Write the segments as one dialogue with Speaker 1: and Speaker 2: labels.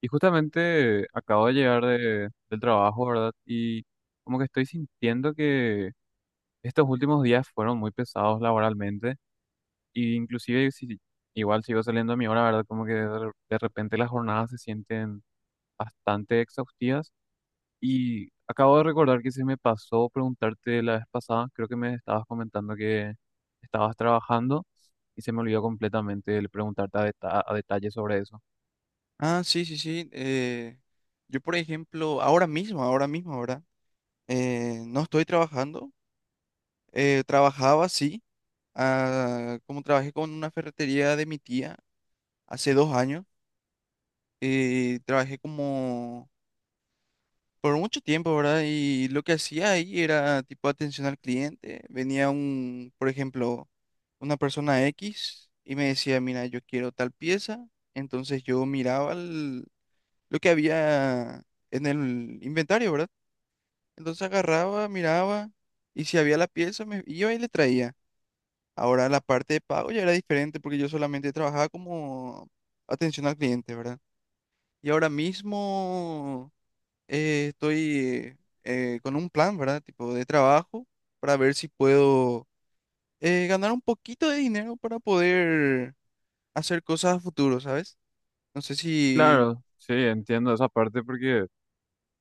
Speaker 1: Y justamente acabo de llegar del trabajo, ¿verdad? Y como que estoy sintiendo que estos últimos días fueron muy pesados laboralmente. Y inclusive si igual sigo saliendo a mi hora, ¿verdad? Como que de repente las jornadas se sienten bastante exhaustivas. Y acabo de recordar que se me pasó preguntarte la vez pasada, creo que me estabas comentando que estabas trabajando y se me olvidó completamente el preguntarte a detalle sobre eso.
Speaker 2: Ah, sí, sí, sí. Yo, por ejemplo, ahora mismo, ¿verdad? No estoy trabajando. Trabajaba, sí, como trabajé con una ferretería de mi tía hace 2 años. Trabajé como por mucho tiempo, ¿verdad? Y lo que hacía ahí era tipo atención al cliente. Venía un, por ejemplo, una persona X y me decía, mira, yo quiero tal pieza. Entonces yo miraba lo que había en el inventario, ¿verdad? Entonces agarraba, miraba, y si había la pieza me iba y le traía. Ahora la parte de pago ya era diferente porque yo solamente trabajaba como atención al cliente, ¿verdad? Y ahora mismo estoy con un plan, ¿verdad? Tipo de trabajo para ver si puedo ganar un poquito de dinero para poder hacer cosas a futuro, ¿sabes? No sé si,
Speaker 1: Claro, sí, entiendo esa parte porque...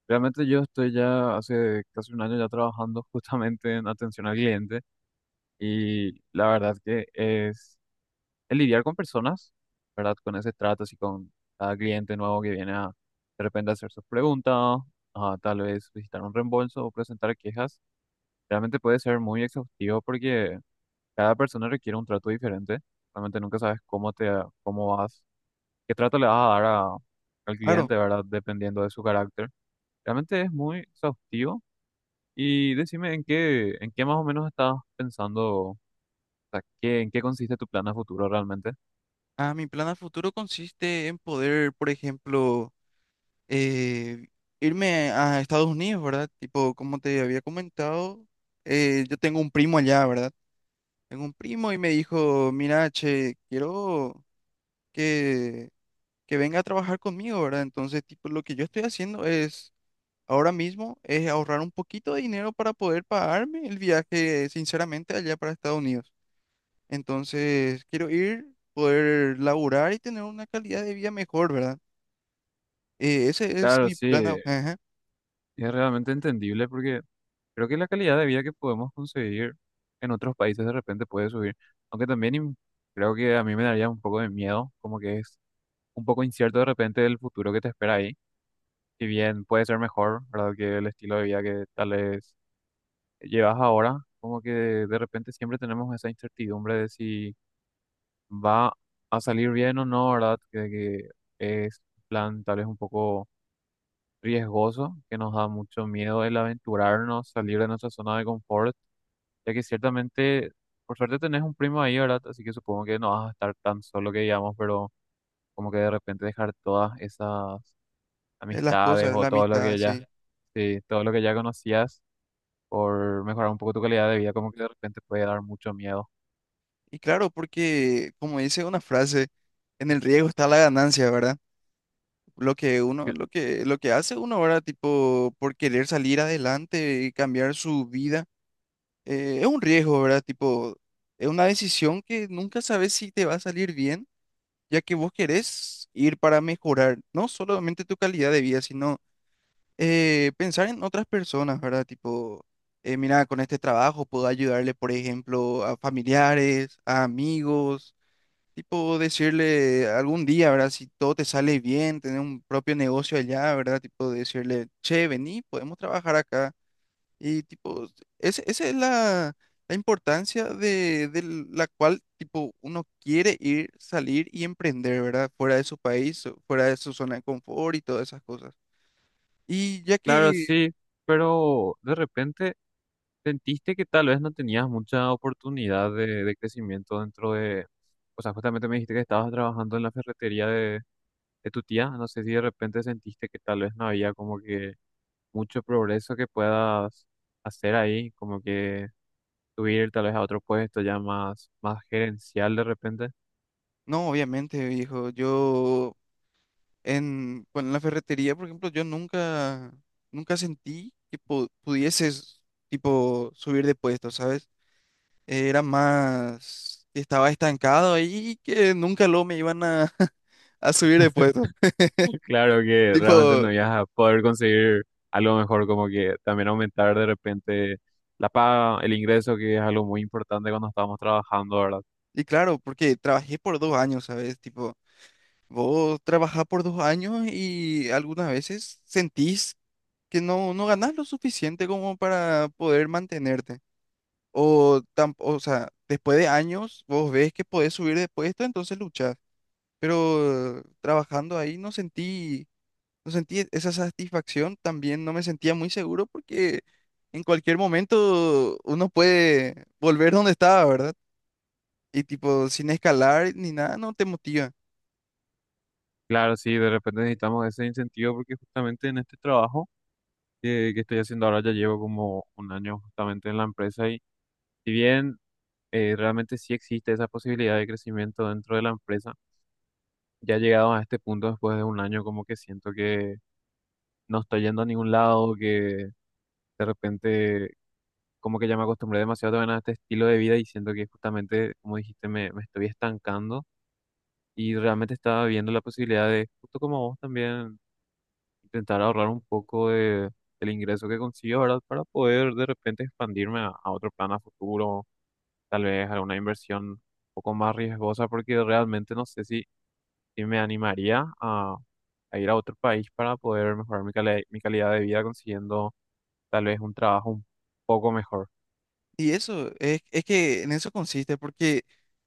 Speaker 1: Realmente yo estoy ya hace casi un año ya trabajando justamente en atención al cliente y la verdad que es el lidiar con personas, ¿verdad? Con ese trato, así con cada cliente nuevo que viene a de repente hacer sus preguntas, a tal vez visitar un reembolso o presentar quejas, realmente puede ser muy exhaustivo porque cada persona requiere un trato diferente. Realmente nunca sabes cómo te, cómo vas, qué trato le vas a dar al
Speaker 2: claro,
Speaker 1: cliente, ¿verdad? Dependiendo de su carácter. Realmente es muy exhaustivo. Y decime en qué más o menos estabas pensando, o sea, qué, en qué consiste tu plan a futuro realmente.
Speaker 2: mi plan a futuro consiste en poder, por ejemplo, eh, irme a Estados Unidos, ¿verdad? Tipo, como te había comentado, yo tengo un primo allá, ¿verdad? Tengo un primo y me dijo, mira, che, quiero que, que venga a trabajar conmigo, ¿verdad? Entonces, tipo, lo que yo estoy haciendo es, ahora mismo, es ahorrar un poquito de dinero para poder pagarme el viaje, sinceramente, allá para Estados Unidos. Entonces, quiero ir, poder laburar y tener una calidad de vida mejor, ¿verdad? Ese es
Speaker 1: Claro,
Speaker 2: mi
Speaker 1: sí,
Speaker 2: plan. Ajá.
Speaker 1: es realmente entendible porque creo que la calidad de vida que podemos conseguir en otros países de repente puede subir, aunque también creo que a mí me daría un poco de miedo, como que es un poco incierto de repente el futuro que te espera ahí, si bien puede ser mejor, ¿verdad? Que el estilo de vida que tal vez llevas ahora, como que de repente siempre tenemos esa incertidumbre de si va a salir bien o no, ¿verdad? Que es un plan tal vez un poco riesgoso, que nos da mucho miedo el aventurarnos, salir de nuestra zona de confort, ya que ciertamente, por suerte tenés un primo ahí, ¿verdad? Así que supongo que no vas a estar tan solo que digamos, pero como que de repente dejar todas esas
Speaker 2: Es las
Speaker 1: amistades
Speaker 2: cosas,
Speaker 1: o
Speaker 2: la
Speaker 1: todo lo
Speaker 2: amistad,
Speaker 1: que ya,
Speaker 2: sí.
Speaker 1: sí, todo lo que ya conocías por mejorar un poco tu calidad de vida, como que de repente puede dar mucho miedo.
Speaker 2: Y claro, porque como dice una frase, en el riesgo está la ganancia, ¿verdad? Lo que uno,
Speaker 1: Cl-
Speaker 2: lo que, lo que hace uno ahora, tipo, por querer salir adelante y cambiar su vida, es un riesgo, ¿verdad? Tipo, es una decisión que nunca sabes si te va a salir bien, ya que vos querés ir para mejorar no solamente tu calidad de vida, sino pensar en otras personas, ¿verdad? Tipo, mira, con este trabajo puedo ayudarle, por ejemplo, a familiares, a amigos, tipo, decirle algún día, ¿verdad? Si todo te sale bien, tener un propio negocio allá, ¿verdad? Tipo, decirle, che, vení, podemos trabajar acá. Y tipo, esa es la, la importancia de la cual, tipo, uno quiere ir, salir y emprender, ¿verdad? Fuera de su país, fuera de su zona de confort y todas esas cosas. Y ya
Speaker 1: Claro,
Speaker 2: que
Speaker 1: sí, pero de repente sentiste que tal vez no tenías mucha oportunidad de crecimiento dentro de, o sea, justamente me dijiste que estabas trabajando en la ferretería de tu tía, no sé si de repente sentiste que tal vez no había como que mucho progreso que puedas hacer ahí, como que subir tal vez a otro puesto ya más, más gerencial de repente.
Speaker 2: no, obviamente, viejo. Yo en, bueno, en la ferretería, por ejemplo, yo nunca sentí que pudieses, tipo, subir de puesto, ¿sabes? Era más que estaba estancado ahí y que nunca lo me iban a, a subir de puesto.
Speaker 1: Claro que realmente
Speaker 2: Tipo,
Speaker 1: no ibas a poder conseguir algo mejor, como que también aumentar de repente la paga, el ingreso, que es algo muy importante cuando estamos trabajando, ¿verdad?
Speaker 2: y claro, porque trabajé por 2 años, ¿sabes? Tipo, vos trabajás por 2 años y algunas veces sentís que no ganás lo suficiente como para poder mantenerte. O, o sea, después de años vos ves que podés subir de puesto, entonces luchás. Pero trabajando ahí no sentí, no sentí esa satisfacción, también no me sentía muy seguro porque en cualquier momento uno puede volver donde estaba, ¿verdad? Y tipo, sin escalar ni nada, no te motiva.
Speaker 1: Claro, sí, de repente necesitamos ese incentivo porque justamente en este trabajo que estoy haciendo ahora ya llevo como un año justamente en la empresa y si bien realmente sí existe esa posibilidad de crecimiento dentro de la empresa, ya llegado a este punto después de un año como que siento que no estoy yendo a ningún lado, que de repente como que ya me acostumbré demasiado también a este estilo de vida y siento que justamente, como dijiste, me estoy estancando y realmente estaba viendo la posibilidad de, justo como vos también, intentar ahorrar un poco de, del ingreso que consigo, ¿verdad? Para poder de repente expandirme a otro plan a futuro, tal vez alguna inversión un poco más riesgosa, porque realmente no sé si, si me animaría a ir a otro país para poder mejorar mi calidad de vida consiguiendo tal vez un trabajo un poco mejor.
Speaker 2: Es que en eso consiste, porque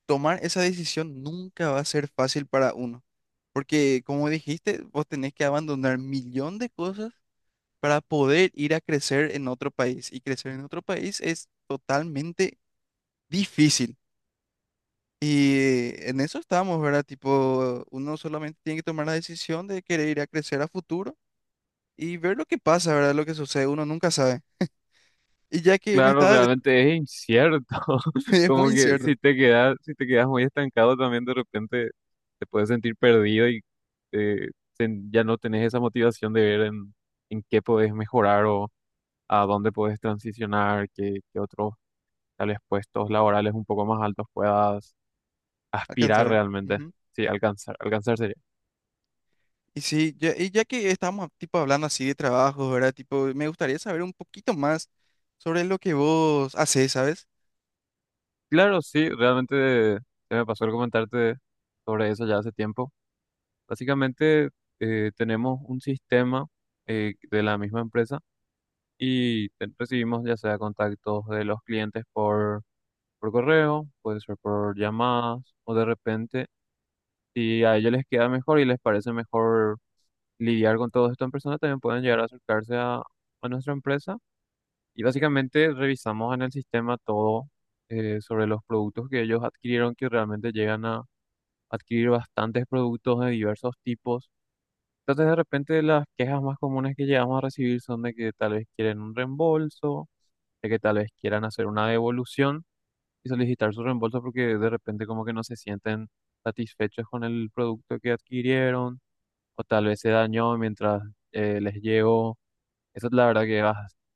Speaker 2: tomar esa decisión nunca va a ser fácil para uno. Porque como dijiste, vos tenés que abandonar millón de cosas para poder ir a crecer en otro país. Y crecer en otro país es totalmente difícil. Y en eso estamos, ¿verdad? Tipo, uno solamente tiene que tomar la decisión de querer ir a crecer a futuro y ver lo que pasa, ¿verdad? Lo que sucede, uno nunca sabe. Y ya que me
Speaker 1: Claro,
Speaker 2: está,
Speaker 1: realmente es incierto.
Speaker 2: es
Speaker 1: Como
Speaker 2: muy
Speaker 1: que
Speaker 2: incierto
Speaker 1: si te quedas muy estancado también de repente te puedes sentir perdido y eh, ya no tenés esa motivación de ver en qué podés mejorar o a dónde podés transicionar, qué otros tales puestos laborales un poco más altos puedas
Speaker 2: alcanzar.
Speaker 1: aspirar
Speaker 2: Claro.
Speaker 1: realmente.
Speaker 2: Ujú.
Speaker 1: Sí, alcanzar, alcanzar sería.
Speaker 2: Y sí, ya, y ya que estamos tipo hablando así de trabajos, ¿verdad? Tipo, me gustaría saber un poquito más sobre lo que vos haces, ¿sabes?
Speaker 1: Claro, sí, realmente se me pasó el comentarte sobre eso ya hace tiempo. Básicamente tenemos un sistema de la misma empresa y recibimos ya sea contactos de los clientes por correo, puede ser por llamadas o de repente si a ellos les queda mejor y les parece mejor lidiar con todo esto en persona, también pueden llegar a acercarse a nuestra empresa y básicamente revisamos en el sistema todo sobre los productos que ellos adquirieron, que realmente llegan a adquirir bastantes productos de diversos tipos. Entonces, de repente, las quejas más comunes que llegamos a recibir son de que tal vez quieren un reembolso, de que tal vez quieran hacer una devolución y solicitar su reembolso porque de repente como que no se sienten satisfechos con el producto que adquirieron o tal vez se dañó mientras les llegó. Eso es la verdad que es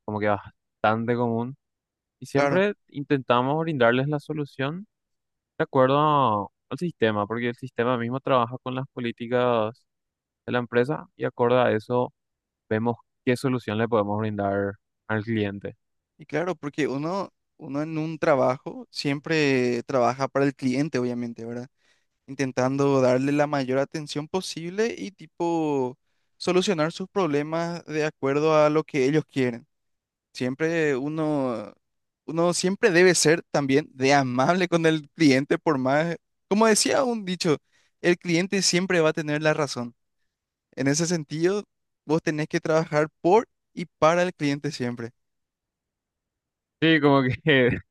Speaker 1: como que bastante común. Y
Speaker 2: Claro.
Speaker 1: siempre intentamos brindarles la solución de acuerdo al sistema, porque el sistema mismo trabaja con las políticas de la empresa y acorde a eso vemos qué solución le podemos brindar al cliente.
Speaker 2: Y claro, porque uno en un trabajo siempre trabaja para el cliente, obviamente, ¿verdad? Intentando darle la mayor atención posible y tipo solucionar sus problemas de acuerdo a lo que ellos quieren. Siempre uno siempre debe ser también de amable con el cliente, por más, como decía un dicho, el cliente siempre va a tener la razón. En ese sentido, vos tenés que trabajar por y para el cliente siempre.
Speaker 1: Sí, como que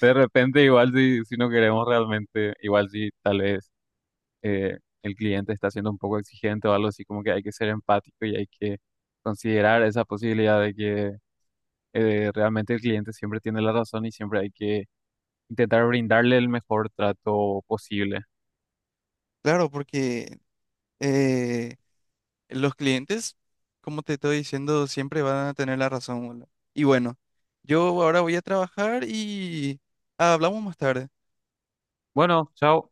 Speaker 1: de repente igual si no queremos realmente, igual si tal vez eh, el cliente está siendo un poco exigente o algo así, como que hay que ser empático y hay que considerar esa posibilidad de que realmente el cliente siempre tiene la razón y siempre hay que intentar brindarle el mejor trato posible.
Speaker 2: Claro, porque... eh, los clientes, como te estoy diciendo, siempre van a tener la razón, boludo. Y bueno, yo ahora voy a trabajar y hablamos más tarde.
Speaker 1: Bueno, chao.